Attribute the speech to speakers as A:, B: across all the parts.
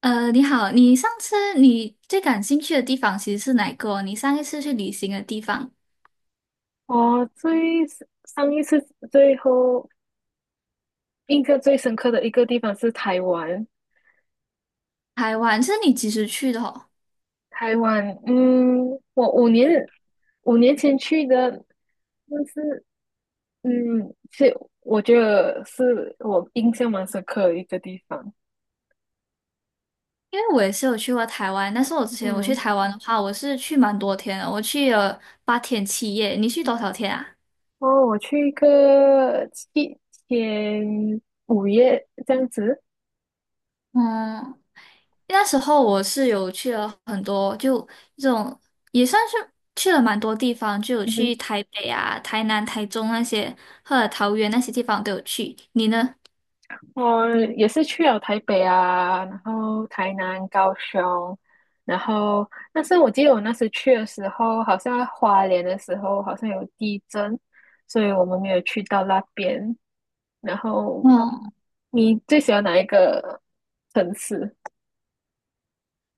A: 你好，你上次你最感兴趣的地方其实是哪个哦你上一次去旅行的地方，
B: 我最 s- 上一次最后印象最深刻的一个地方是台湾。
A: 台湾，是你几时去的哦？
B: 台湾，我五年前去的。但是嗯，是我觉得是我印象蛮深刻的一个地方。
A: 因为我也是有去过台湾，但是我之前我去
B: 嗯，
A: 台湾的话，我是去蛮多天的，我去了八天七夜。你去多少天啊？
B: 哦，我去一个7天，5月这样子。
A: 嗯，那时候我是有去了很多，就这种也算是去了蛮多地方，就有去台北啊、台南、台中那些，或者桃园那些地方都有去。你呢？
B: 我也是去了台北啊，然后台南、高雄。然后但是我记得我那时去的时候，好像花莲的时候好像有地震，所以我们没有去到那边。然后
A: 嗯。
B: 你最喜欢哪一个城市？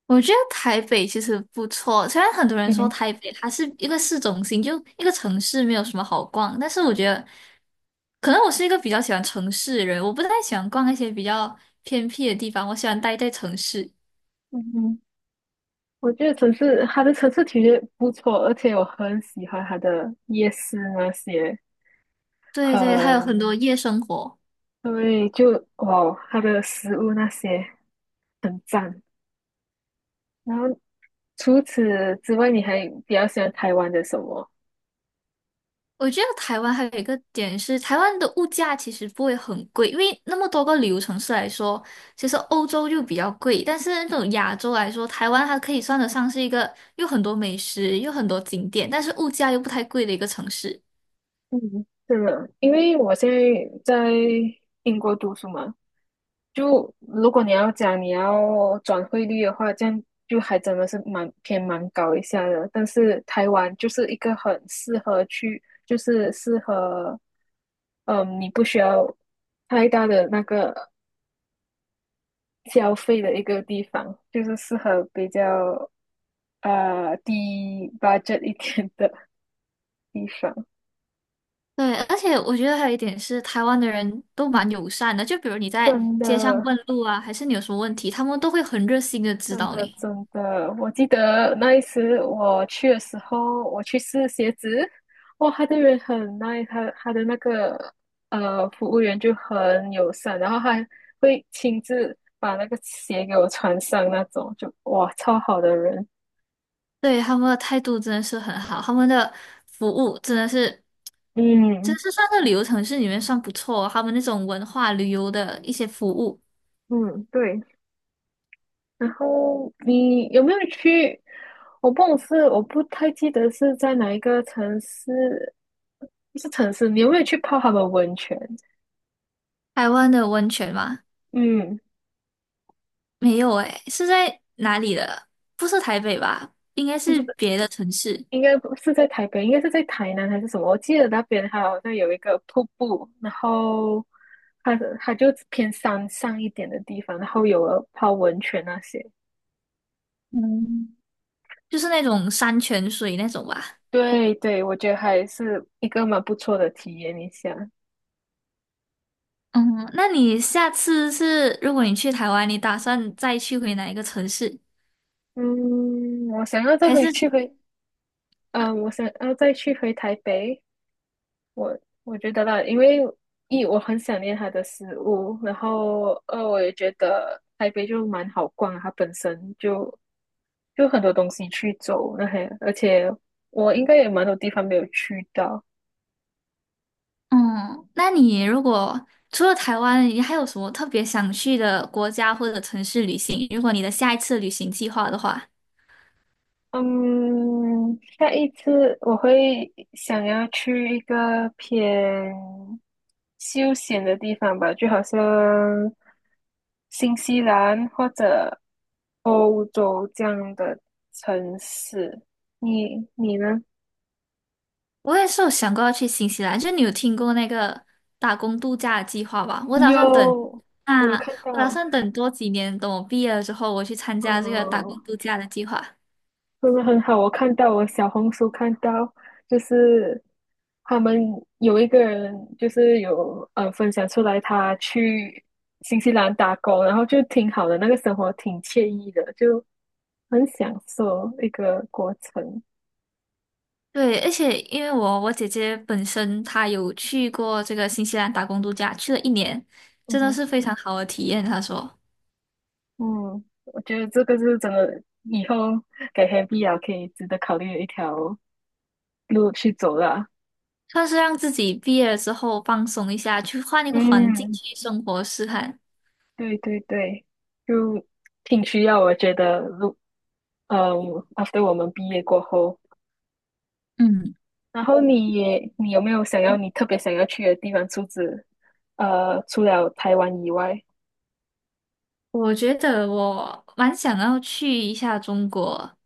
A: 我觉得台北其实不错，虽然很多人
B: 嗯
A: 说
B: 哼。
A: 台北它是一个市中心，就一个城市没有什么好逛，但是我觉得，可能我是一个比较喜欢城市的人，我不太喜欢逛那些比较偏僻的地方，我喜欢待在城市。
B: 嗯哼，我觉得城市它的城市体验不错，而且我很喜欢它的夜市那些。
A: 对对，还有很
B: 很
A: 多夜生活。
B: 对，就哦，它的食物那些很赞。然后除此之外，你还比较喜欢台湾的什么？
A: 我觉得台湾还有一个点是，台湾的物价其实不会很贵，因为那么多个旅游城市来说，其实欧洲就比较贵，但是那种亚洲来说，台湾它可以算得上是一个有很多美食、有很多景点，但是物价又不太贵的一个城市。
B: 嗯，是的，因为我现在在英国读书嘛。就如果你要讲你要转汇率的话，这样就还真的是蛮偏蛮高一下的。但是台湾就是一个很适合去，就是适合，你不需要太大的那个消费的一个地方，就是适合比较低 budget 一点的地方。
A: 对，而且我觉得还有一点是，台湾的人都蛮友善的，就比如你在
B: 真
A: 街上
B: 的，
A: 问路啊，还是你有什么问题，他们都会很热心的指
B: 真
A: 导
B: 的，
A: 你。
B: 真的，我记得那一次我去的时候，我去试鞋子，哇，他的人很 nice。他的那个服务员就很友善，然后还会亲自把那个鞋给我穿上那种，就哇，超好的人。
A: 对，他们的态度真的是很好，他们的服务真的是。真
B: 嗯
A: 是算在旅游城市里面算不错哦他们那种文化旅游的一些服务。
B: 嗯，对，然后你有没有去？我不懂是我不太记得是在哪一个城市，不是城市。你有没有去泡他们温泉？
A: 台湾的温泉吗？
B: 嗯，
A: 没有诶，是在哪里的？不是台北吧？应该
B: 就
A: 是
B: 是
A: 别的城市，
B: 应该不是在台北，应该是在台南还是什么？我记得那边它好像有一个瀑布，然后它就偏山上一点的地方，然后有了泡温泉那些。
A: 嗯，就是那种山泉水那种吧。
B: 对对，我觉得还是一个蛮不错的体验一下。
A: 嗯，那你下次是，如果你去台湾，你打算再去回哪一个城市？
B: 嗯，我想要再
A: 还是，
B: 回去回，我想要再去回台北。我我觉得啦，因为一我很想念他的食物，然后二我也觉得台北就蛮好逛啊，它本身就很多东西去走那些，而且我应该也蛮多地方没有去到。
A: 嗯，那你如果除了台湾，你还有什么特别想去的国家或者城市旅行？如果你的下一次旅行计划的话。
B: 嗯，下一次我会想要去一个偏休闲的地方吧，就好像新西兰或者欧洲这样的城市。你呢？
A: 我也是有想过要去新西兰，就你有听过那个打工度假的计划吧？我打算等
B: 有，我有
A: 啊，
B: 看
A: 我打
B: 到。
A: 算等多几年，等我毕业了之后，我去参加这个打工
B: 哦、
A: 度假的计划。
B: 真的很好，我看到我小红书看到，就是他们有一个人就是有分享出来，他去新西兰打工，然后就挺好的，那个生活挺惬意的，就很享受一个过程。
A: 对，而且因为我姐姐本身她有去过这个新西兰打工度假，去了一年，
B: 嗯
A: 真的
B: 哼。
A: 是非常好的体验。她说，
B: 嗯，我觉得这个是真的，以后给 Happy 啊可以值得考虑的一条路去走了。
A: 算是让自己毕业了之后放松一下，去换一个环境
B: 嗯，
A: 去生活试看。
B: 对对对，就挺需要，我觉得，路。嗯 after 我们毕业过后，
A: 嗯。
B: 然后你有没有想要你特别想要去的地方？除此除了台湾以外，
A: 我觉得我蛮想要去一下中国，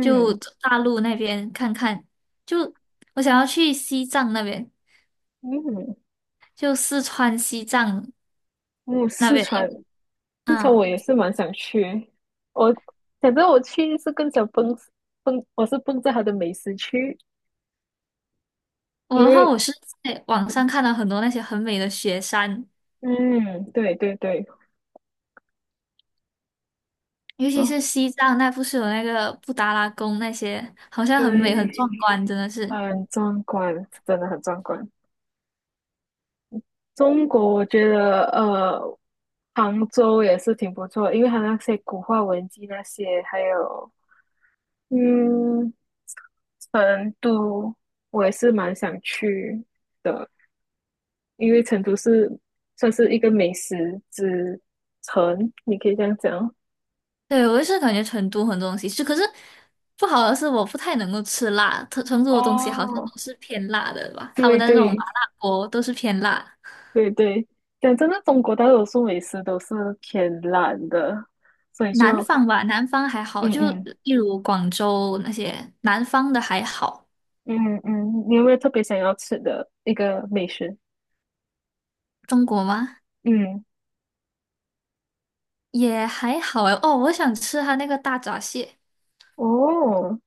A: 就大陆那边看看。就我想要去西藏那边，
B: 嗯，
A: 就四川西藏
B: 嗯，
A: 那
B: 四
A: 边。
B: 川，四川我
A: 嗯，
B: 也是蛮想去。我反正我去是更想奔，我是奔着它的美食去，
A: 我
B: 因
A: 的话，
B: 为
A: 我是在网上看到很多那些很美的雪山，
B: 嗯，对对对，
A: 尤其
B: 哦
A: 是西藏那，不是有那个布达拉宫那些，好像很美很壮
B: 对，
A: 观，真的是。
B: 很壮观，真的很壮观。中国我觉得杭州也是挺不错因为它那些古话文集那些，还有嗯，成都我也是蛮想去的，因为成都是算是一个美食之城，你可以这样讲。
A: 对，我也是感觉成都很多东西吃，可是不好的是我不太能够吃辣，成都的东西好像
B: 哦，
A: 都是偏辣的吧，他们
B: 对
A: 的那种麻
B: 对
A: 辣锅都是偏辣。
B: 对对，讲真的，中国大多数美食都是偏辣的，所以就
A: 南方吧，南方还好，
B: 嗯
A: 就
B: 嗯
A: 例如广州那些南方的还好，
B: 嗯嗯。嗯嗯，你有没有特别想要吃的一个美食？
A: 中国吗？
B: 嗯，
A: 也还好哎。哦，我想吃它那个大闸蟹，
B: 哦，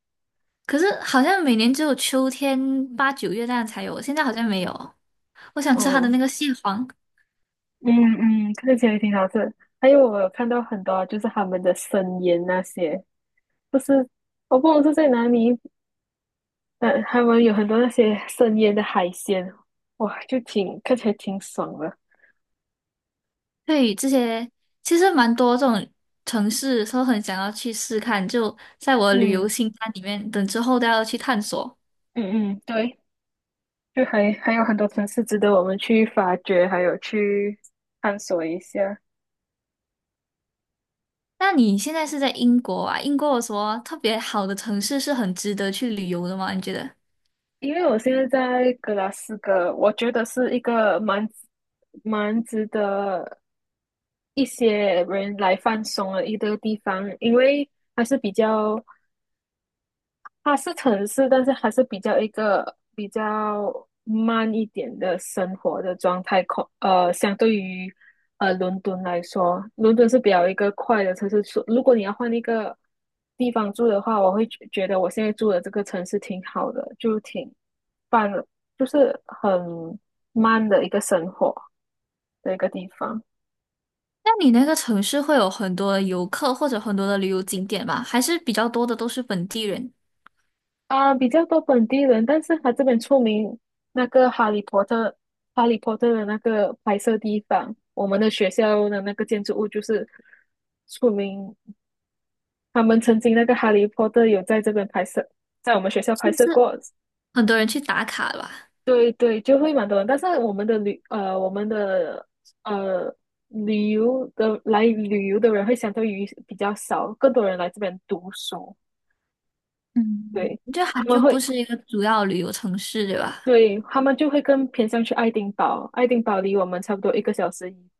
A: 可是好像每年只有秋天八九月那样才有，现在好像没有。我想吃它
B: 哦，
A: 的那个蟹黄。
B: 嗯嗯，看起来挺好吃。还有我有看到很多就是他们的生腌那些，不是，我不懂是在哪里，但他们有很多那些生腌的海鲜，哇，就挺看起来挺爽的。
A: 对，这些其实蛮多这种城市，都很想要去试看，就在我的旅游
B: 嗯
A: 清单里面，等之后都要去探索。
B: 嗯嗯，对，就还有很多城市值得我们去发掘，还有去探索一下。
A: 那你现在是在英国啊？英国有什么特别好的城市是很值得去旅游的吗？你觉得？
B: 因为我现在在格拉斯哥，我觉得是一个蛮值得一些人来放松的一个地方。因为还是比较，它是城市，但是还是比较一个比较慢一点的生活的状态。相对于伦敦来说，伦敦是比较一个快的城市。所如果你要换一个地方住的话，我会觉得我现在住的这个城市挺好的，就挺棒的，就是很慢的一个生活的一个地方。
A: 那你那个城市会有很多的游客或者很多的旅游景点吗？还是比较多的都是本地人，
B: 啊，比较多本地人，但是他这边出名那个《哈利波特》。《哈利波特》的那个拍摄地方，我们的学校的那个建筑物就是出名。他们曾经那个《哈利波特》有在这边拍摄，在我们学校拍摄过。
A: 很多人去打卡的吧？
B: 对对，就会蛮多人。但是我们的呃旅游的来旅游的人会相对于比较少，更多人来这边读书。
A: 嗯。
B: 对，
A: 就它
B: 他们
A: 就不
B: 会
A: 是一个主要旅游城市，对吧？
B: 对，他们就会更偏向去爱丁堡。爱丁堡离我们差不多一个小时以，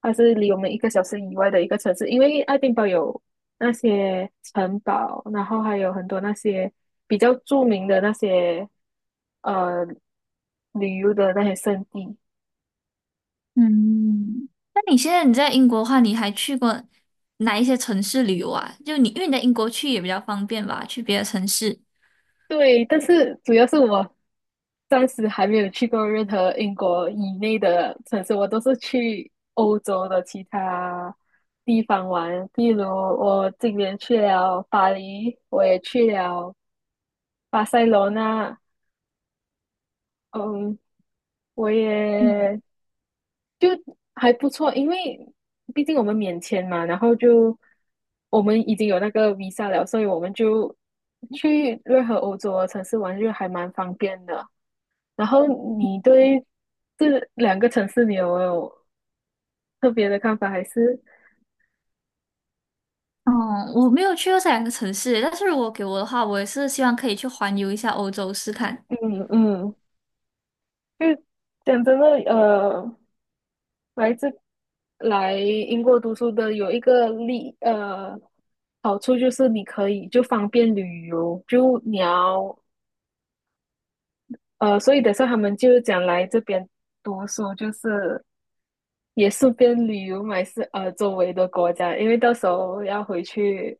B: 它是离我们一个小时以外的一个城市，因为爱丁堡有那些城堡，然后还有很多那些比较著名的那些呃旅游的那些胜地。
A: 嗯，那你现在你在英国的话，你还去过哪一些城市旅游啊？就你，因为你在英国去也比较方便吧，去别的城市。
B: 对，但是主要是我暂时还没有去过任何英国以内的城市，我都是去欧洲的其他地方玩。比如我今年去了巴黎，我也去了巴塞罗那。嗯，我也就还不错，因为毕竟我们免签嘛，然后就我们已经有那个 visa 了，所以我们就去任何欧洲的城市玩就还蛮方便的。然后你对这两个城市，你有没有特别的看法？还是
A: 哦，我没有去过这两个城市，但是如果给我的话，我也是希望可以去环游一下欧洲试看。
B: 嗯嗯，就讲真的，来自来英国读书的有一个好处就是你可以就方便旅游，就你要所以等下他们就讲来这边读书，就是也是边旅游买是周围的国家，因为到时候要回去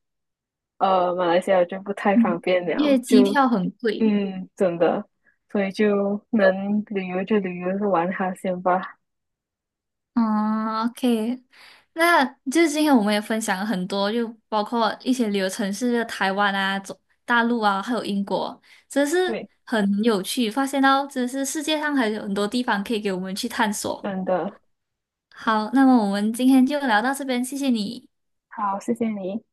B: 马来西亚就不太方
A: 嗯，
B: 便
A: 因
B: 了，
A: 为机
B: 就
A: 票很贵。
B: 嗯真的，所以就能旅游就旅游，玩哈先吧，
A: 嗯，OK，那就是今天我们也分享了很多，就包括一些旅游城市，就台湾啊、中大陆啊，还有英国，真是
B: 对，
A: 很有趣，发现到真是世界上还有很多地方可以给我们去探索。
B: 真的
A: 好，那么我们今天就聊到这边，谢谢你。
B: 好，谢谢你。